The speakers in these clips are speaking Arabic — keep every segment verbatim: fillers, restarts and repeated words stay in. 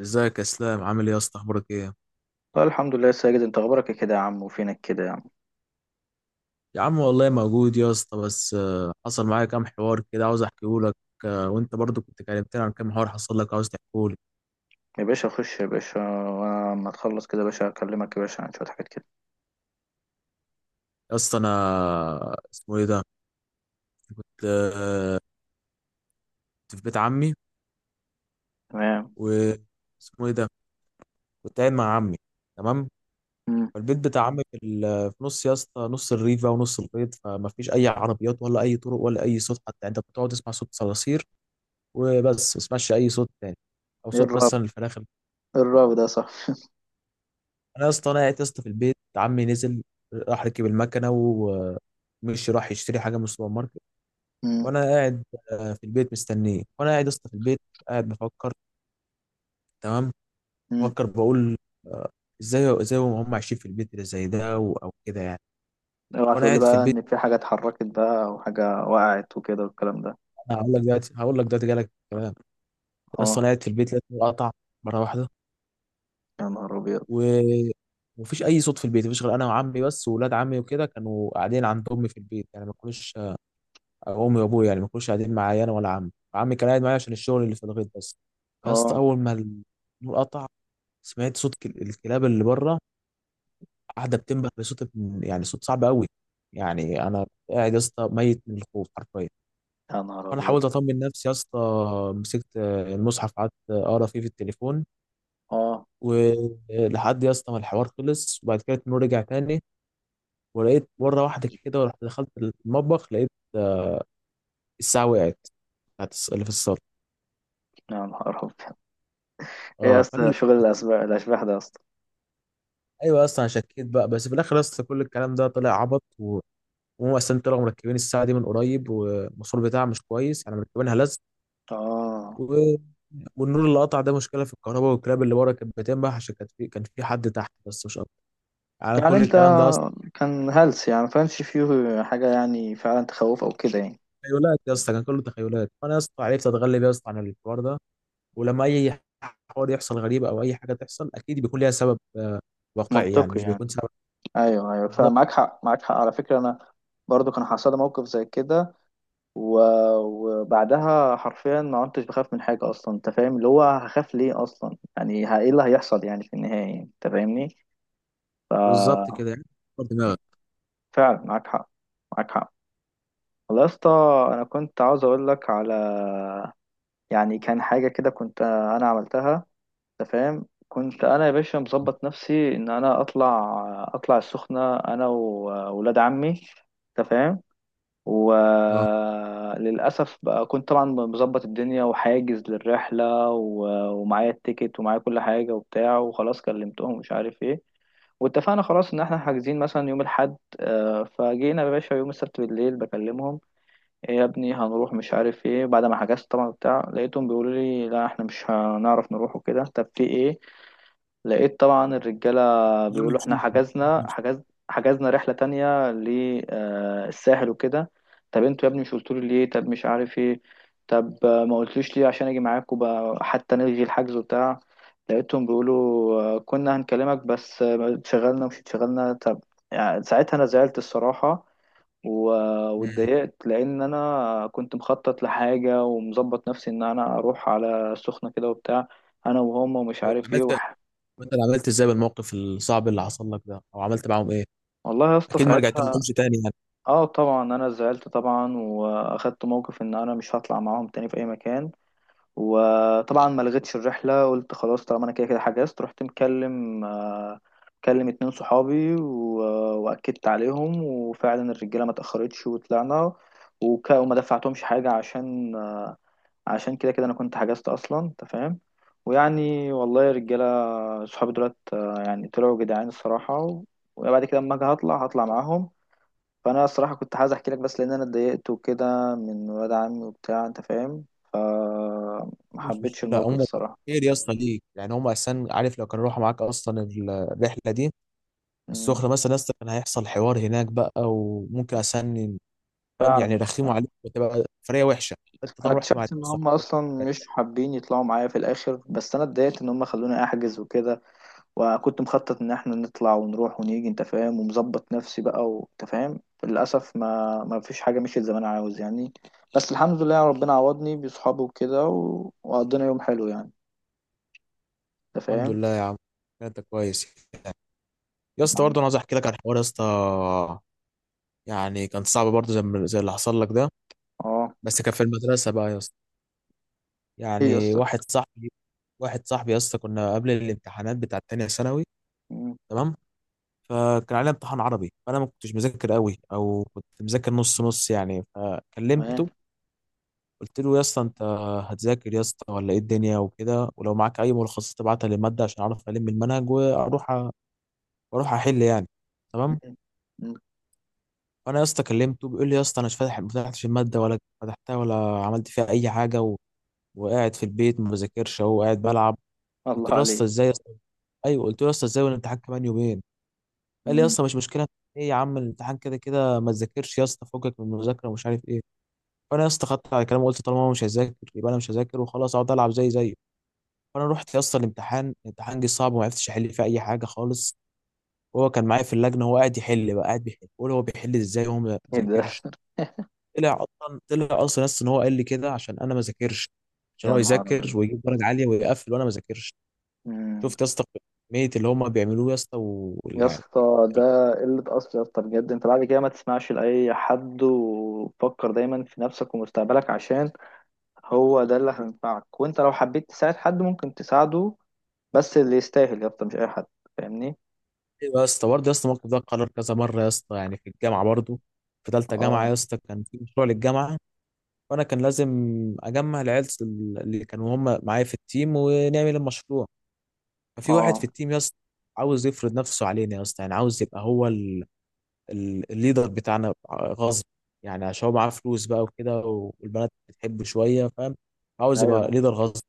ازيك يا اسلام؟ عامل ايه يا اسطى؟ اخبارك ايه؟ لا الحمد لله يا ساجد، انت اخبارك ايه كده يا عم؟ وفينك كده يا عم؟ يا عم والله موجود يا اسطى، بس آه، حصل معايا كام حوار كده عاوز احكيه لك. آه، وانت برضو كنت كلمتني عن كام حوار حصل لك عاوز تحكيه لي. يا باشا خش يا باشا. وانا لما تخلص كده يا باشا اكلمك يا باشا عن شويه حاجات كده. يا اسطى انا اسمه ايه ده، كنت آه، في بيت عمي. تمام. و اسمه ايه ده، كنت قاعد مع عمي، تمام. امم فالبيت بتاع عمي في ال- في نص يا اسطى، نص الريف بقى ونص البيت، فما فيش اي عربيات ولا اي طرق ولا اي صوت حتى. يعني انت بتقعد تسمع صوت صراصير وبس، ما تسمعش اي صوت تاني، او ايه صوت الراب مثلا الفراخ. ايه الراب ده؟ صح. انا يا اسطى انا قاعد يا اسطى في البيت، عمي نزل راح ركب المكنه ومش راح يشتري حاجه من السوبر ماركت. امم وانا قاعد آه، في البيت مستنيه، وانا قاعد يا اسطى في البيت قاعد بفكر، تمام. امم بفكر بقول آه، ازاي ازاي هم عايشين في البيت اللي زي ده، و- او كده يعني. اوعى وانا تقول لي قاعد في بقى البيت، ان في حاجه اتحركت بقى وحاجه وقعت وكده والكلام ده. انا هقول لك دلوقتي هقول لك دلوقتي جالك كمان. بس اه، انا قاعد في البيت لقيت النور قطع مره واحده. يا نهار ابيض. و ومفيش اي صوت في البيت، مفيش غير انا وعمي بس. واولاد عمي وكده كانوا قاعدين عند امي في البيت، يعني ما كانوش. امي وابويا يعني ما كانوش قاعدين معايا انا ولا عمي، عمي كان قاعد معايا عشان الشغل اللي في الغيط بس. يا اسطى اه، اول ما النور قطع سمعت صوت كل- الكلاب اللي بره، قاعده بتنبح بصوت ابن- يعني صوت صعب قوي. يعني انا قاعد يا اسطى ميت من الخوف حرفيا. يا نهار انا ابيض. حاولت اطمن نفسي يا اسطى، مسكت المصحف قعدت اقرا فيه في التليفون. اه، ولحد يا اسطى ما الحوار خلص، وبعد كده النور رجع تاني. ولقيت مره واحده كده، ورحت دخلت المطبخ لقيت الساعه وقعت، بتاعت الص- اللي في الصاله. يا نهار ابيض. ايه يا اه، فانا اسطى؟ شغل الاشباح الاشباح ده يا اسطى؟ ايوه اصلا أنا شكيت بقى، بس في الاخر اصلا كل الكلام ده طلع عبط. و- وهم اصلا طلعوا مركبين الساعه دي من قريب، والموصل بتاعها مش كويس يعني، مركبينها لزق. اه. و... والنور اللي قطع ده مشكله في الكهرباء، والكلاب اللي ورا كانت بتنبح عشان كان في كان في حد تحت بس، مش اكتر. يعني يعني كل انت الكلام ده اصلا كان هلس يعني؟ ما كانش فيه حاجه يعني فعلا تخوف او كده يعني؟ تخيلات يا اسطى، كان كله تخيلات. فانا يا اسطى عرفت اتغلب يا اسطى عن الحوار ده. ولما اي حوار يحصل غريب او اي حاجه تحصل، اكيد بيكون ليها سبب آه، واقعي، يعني منطقي مش يعني. بيكون سبب ايوه ايوه، بالظبط. فمعاك حق. معاك حق، على فكره انا برضو كان حصل لي موقف زي كده، و... وبعدها حرفيا ما كنتش بخاف من حاجه اصلا. انت فاهم؟ اللي هو هخاف ليه اصلا يعني؟ ه- ايه اللي هيحصل يعني في النهايه يعني. انت فاهمني؟ ف بالظبط كده يعني، دماغك. فعلا معاك حق. معاك حق، والله يا اسطى. انا كنت عاوز اقول لك على، يعني كان حاجه كده كنت انا عملتها، انت فاهم؟ كنت انا يا باشا مظبط نفسي ان انا اطلع اطلع السخنه انا وولاد عمي، انت فاهم؟ اه، وللأسف بقى كنت طبعا مظبط الدنيا وحاجز للرحلة، و- ومعايا التيكت ومعايا كل حاجة وبتاع، وخلاص كلمتهم ومش عارف ايه. واتفقنا خلاص ان احنا حاجزين مثلا يوم الحد، آه، فجينا يا باشا يوم السبت بالليل بكلمهم: ايه يا ابني هنروح؟ مش عارف ايه، بعد ما حجزت طبعا بتاع لقيتهم بيقولوا لي لا احنا مش هنعرف نروح وكده. طب في ايه؟ لقيت طبعا الرجالة اليوم بيقولوا احنا يمشيش. حجزنا حجز، حجزنا رحلة تانية للساحل وكده. طب انتوا يا ابني مش قلتولي ليه؟ طب مش عارف ايه. طب آه، ما قلتليش ليه عشان اجي معاكم بقى حتى نلغي الحجز وبتاع؟ لقيتهم بيقولوا آه، كنا هنكلمك بس آه، اتشغلنا ومش اتشغلنا، طب. يعني ساعتها انا زعلت الصراحة، و- واتضايقت لان انا كنت مخطط لحاجة ومظبط نفسي ان انا اروح على السخنة كده وبتاع، انا وهم ومش هو عارف ايه. عملت انت اللي عملت ازاي بالموقف الصعب اللي حصل لك ده؟ او عملت معاهم ايه؟ والله يا اسطى اكيد ما ساعتها، رجعتلهمش تاني يعني. اه طبعا انا زعلت طبعا، واخدت موقف ان انا مش هطلع معاهم تاني في اي مكان. وطبعا ما لغيتش الرحله، قلت خلاص طالما انا كده كده حجزت، رحت مكلم آه، مكلم اتنين صحابي، و- واكدت عليهم. وفعلا الرجاله ما تاخرتش وطلعنا، وك... وما دفعتهمش حاجه عشان عشان كده كده انا كنت حجزت اصلا، انت فاهم؟ ويعني والله يا رجاله، صحابي دولت آه، يعني طلعوا جدعان الصراحه. وبعد كده اما اجي هطلع هطلع معاهم. فانا الصراحه كنت عايز احكي لك بس لان انا اتضايقت وكده من ولاد عمي وبتاع، انت فاهم. ما مش حبيتش مشكله، الموقف هم الصراحه. خير يا اسطى ليك يعني. هم اساسا، عارف، لو كانوا راحوا معاك اصلا ال- الرحله دي، مم. السخنه مثلا يا اسطى، كان هيحصل حوار هناك بقى، وممكن اساسا، فاهم يعني، فعلا يرخموا فعلا. عليك وتبقى فريه وحشه. انت انا طبعا رحت مع اكتشفت ان هم صحابك. اصلا مش حابين يطلعوا معايا في الاخر، بس انا اتضايقت ان هم خلوني احجز وكده، وكنت مخطط ان احنا نطلع ونروح ونيجي، انت فاهم؟ ومظبط نفسي بقى، وانت فاهم للاسف ما ما فيش حاجه مشيت زي ما انا عاوز يعني. بس الحمد لله ربنا عوضني بصحابي وكده، و... وقضينا يوم حلو يعني، انت الحمد فاهم. لله يا عم، انت كويس. يا اسطى نعم. برضه انا عايز احكي لك عن حوار يا اسطى، يعني كان صعب برضه زي ما- زي اللي حصل لك ده، اه. بس كان في المدرسه بقى يا اسطى. ايه يا يعني اسطى؟ واحد صاحبي واحد صاحبي يا اسطى، كنا قبل الامتحانات بتاعت تانية ثانوي، مم. تمام. فكان علينا امتحان عربي، فانا ما كنتش مذاكر قوي او كنت مذاكر نص نص يعني، إيه؟ فكلمته. قلت له يا اسطى، انت هتذاكر يا اسطى ولا ايه الدنيا وكده؟ ولو معاك اي ملخصات تبعتها للماده عشان اعرف الم المنهج، واروح أ- واروح احل يعني، تمام. مم. مم. فانا يا اسطى كلمته بيقول لي يا اسطى انا مش فاتح، ما فتحتش الماده ولا فتحتها ولا عملت فيها اي حاجه. و... وقاعد في البيت ما بذاكرش، اهو قاعد بلعب. قلت الله له يا اسطى عليك. ازاي يا اسطى، ايوه قلت له يا اسطى ازاي والامتحان كمان يومين. قال لي يا مم. اسطى مش مشكله، ايه يا عم الامتحان كده كده ما تذاكرش يا اسطى، فكك من المذاكره ومش عارف ايه. فانا يا اسطى خدت على كلامه وقلت طالما هو مش هيذاكر يبقى انا مش هذاكر وخلاص، اقعد العب زي زيه. فانا رحت يا اسطى الامتحان الامتحان جه صعب وما عرفتش احل فيه اي حاجه خالص. وهو كان معايا في اللجنه، هو قاعد يحل بقى قاعد بيحل، بقول هو بيحل ازاي وهو ما ايه ده؟ ذاكرش. طلع اصلا طلع اصلا يا اسطى ان هو قال لي كده عشان انا ما ذاكرش، عشان يا هو نهار يذاكر ابيض. ويجيب درجه عاليه ويقفل وانا ما ذاكرش. مم. شفت يا اسطى كميه اللي هم بيعملوه يا اسطى يا ويعني. اسطى، ده قلة أصل يا اسطى بجد. انت بعد كده ما تسمعش لأي حد، وفكر دايما في نفسك ومستقبلك، عشان هو ده اللي هينفعك. وانت لو حبيت تساعد حد ممكن تساعده، بس اللي يستاهل يا اسطى، مش أي حد. فاهمني؟ ايوه يا اسطى، برضه يا اسطى الموقف ده اتكرر كذا مره يا اسطى، يعني في الجامعه برضه. في ثالثه جامعه يا اه. اسطى كان في مشروع للجامعه، وانا كان لازم اجمع العيال اللي كانوا هم معايا في التيم ونعمل المشروع. ففي واحد اه. في التيم يا اسطى عاوز يفرض نفسه علينا يا اسطى، يعني عاوز يبقى هو ال- ال- الليدر بتاعنا غصب. يعني عشان هو معاه فلوس بقى وكده، والبنات بتحبه شويه، فاهم، عاوز يبقى ايوه ليدر غصب.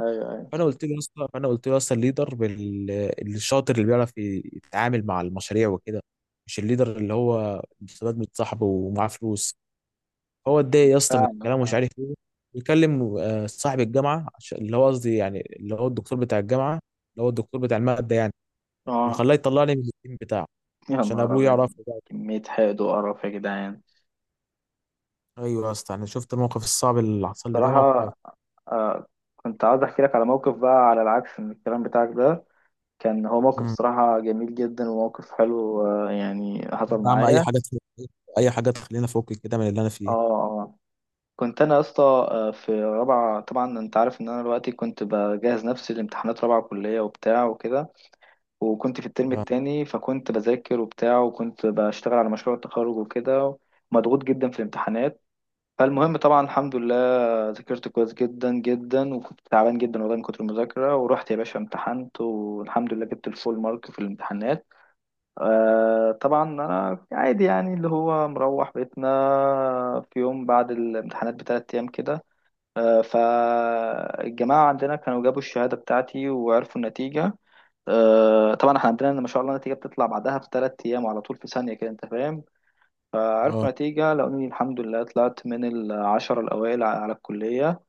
ايوه. ايوه. فانا قلت له يا اسطى فانا قلت له اصلا الليدر بال- الشاطر اللي بيعرف ي- يتعامل مع المشاريع وكده، مش الليدر اللي هو مستفاد من صاحبه ومعاه فلوس. هو اتضايق يا اسطى من فعلا الكلام ومش فعلا. عارف ايه، بيكلم آه، صاحب الجامعه عشان- اللي هو قصدي يعني، اللي هو الدكتور بتاع الجامعه، اللي هو الدكتور بتاع الماده يعني، اه. وخلاه يطلعني من التيم بتاعه، يا عشان نهار ابوه ابيض. يعرف بقى. كمية حقد وقرف يا جدعان. ايوه يا اسطى، انا شفت الموقف الصعب اللي حصل لي ده موقف. صراحة آه، كنت عاوز احكي لك على موقف بقى على العكس من الكلام بتاعك ده. كان هو موقف مم. صراحة جميل جدا، وموقف حلو آه يعني، حصل يا عم اي معايا. حاجه تخليني- اي حاجه تخلينا فوق كده من اللي انا اه. فيه. آه. كنت انا يا اسطى آه، في رابعة. طبعا انت عارف ان انا دلوقتي كنت بجهز نفسي لامتحانات رابعة كلية وبتاع وكده، وكنت في الترم اه التاني. فكنت بذاكر وبتاع، وكنت بشتغل على مشروع التخرج وكده. مضغوط جدا في الامتحانات. فالمهم طبعا الحمد لله ذاكرت كويس جدا جدا، وكنت تعبان جدا والله من كتر المذاكرة. ورحت يا باشا امتحنت، والحمد لله جبت الفول مارك في الامتحانات. آه طبعا أنا عادي يعني اللي هو مروح بيتنا في يوم بعد الامتحانات بثلاث أيام كده. آه، فالجماعة عندنا كانوا جابوا الشهادة بتاعتي وعرفوا النتيجة. آه طبعا احنا عندنا ما شاء الله النتيجة بتطلع بعدها بثلاث أيام، وعلى طول في ثانية كده، أنت فاهم. آه. فعرفوا نتيجة، لقوني الحمد لله طلعت من العشرة الأوائل على الكلية،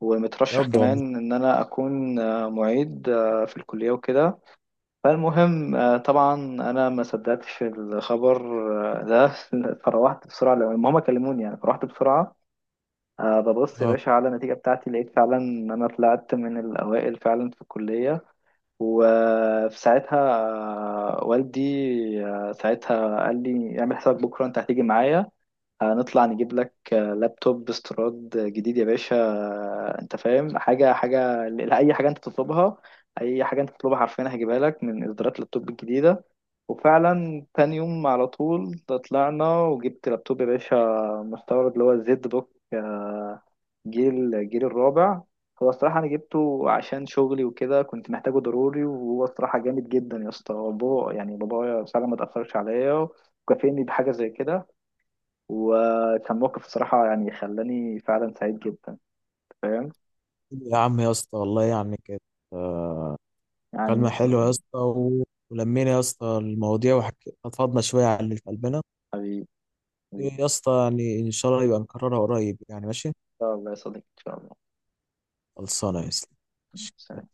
ومترشح بجد والله. كمان إن أنا أكون آه، معيد آه، في الكلية وكده. فالمهم آه، طبعا أنا ما صدقتش الخبر آه، ده. فروحت بسرعة لو هما كلموني يعني، فروحت بسرعة آه، ببص يا اه. باشا على النتيجة بتاعتي، لقيت فعلا إن أنا طلعت من الأوائل فعلا في الكلية. وفي ساعتها آه، والدي آه، ساعتها قال لي اعمل حسابك بكرة أنت هتيجي معايا، هنطلع نجيب لك آه، لابتوب استيراد جديد يا باشا. آه، انت فاهم، حاجة حاجة لأي حاجة انت تطلبها، أي حاجة انت تطلبها حرفيا هجيبها لك من إصدارات اللابتوب الجديدة. وفعلا تاني يوم على طول طلعنا، وجبت لابتوب يا باشا مستورد اللي هو الزد بوك، آه، جيل جيل الرابع. هو الصراحة أنا جبته عشان شغلي وكده، كنت محتاجه ضروري، وهو الصراحة جامد جدا يا اسطى. هو بابا يعني، بابايا فعلا ما تأثرش عليا، وكافئني بحاجة زي كده، وكان موقف بصراحة يعني خلاني فعلا سعيد جدا، فاهم؟ يا عم يا اسطى والله، يعني كانت آه، يعني مكالمة إن شاء حلوة يا الله. اسطى، و- ولمينا يا اسطى المواضيع، وفضنا شوية على اللي في قلبنا. حبيبي. حبيبي إن يا اسطى يعني إن شاء الله يبقى نكررها قريب، يعني ماشي. شاء الله يا صديقي، إن شاء الله. خلصانة يا اسطى. ماشي. سلام.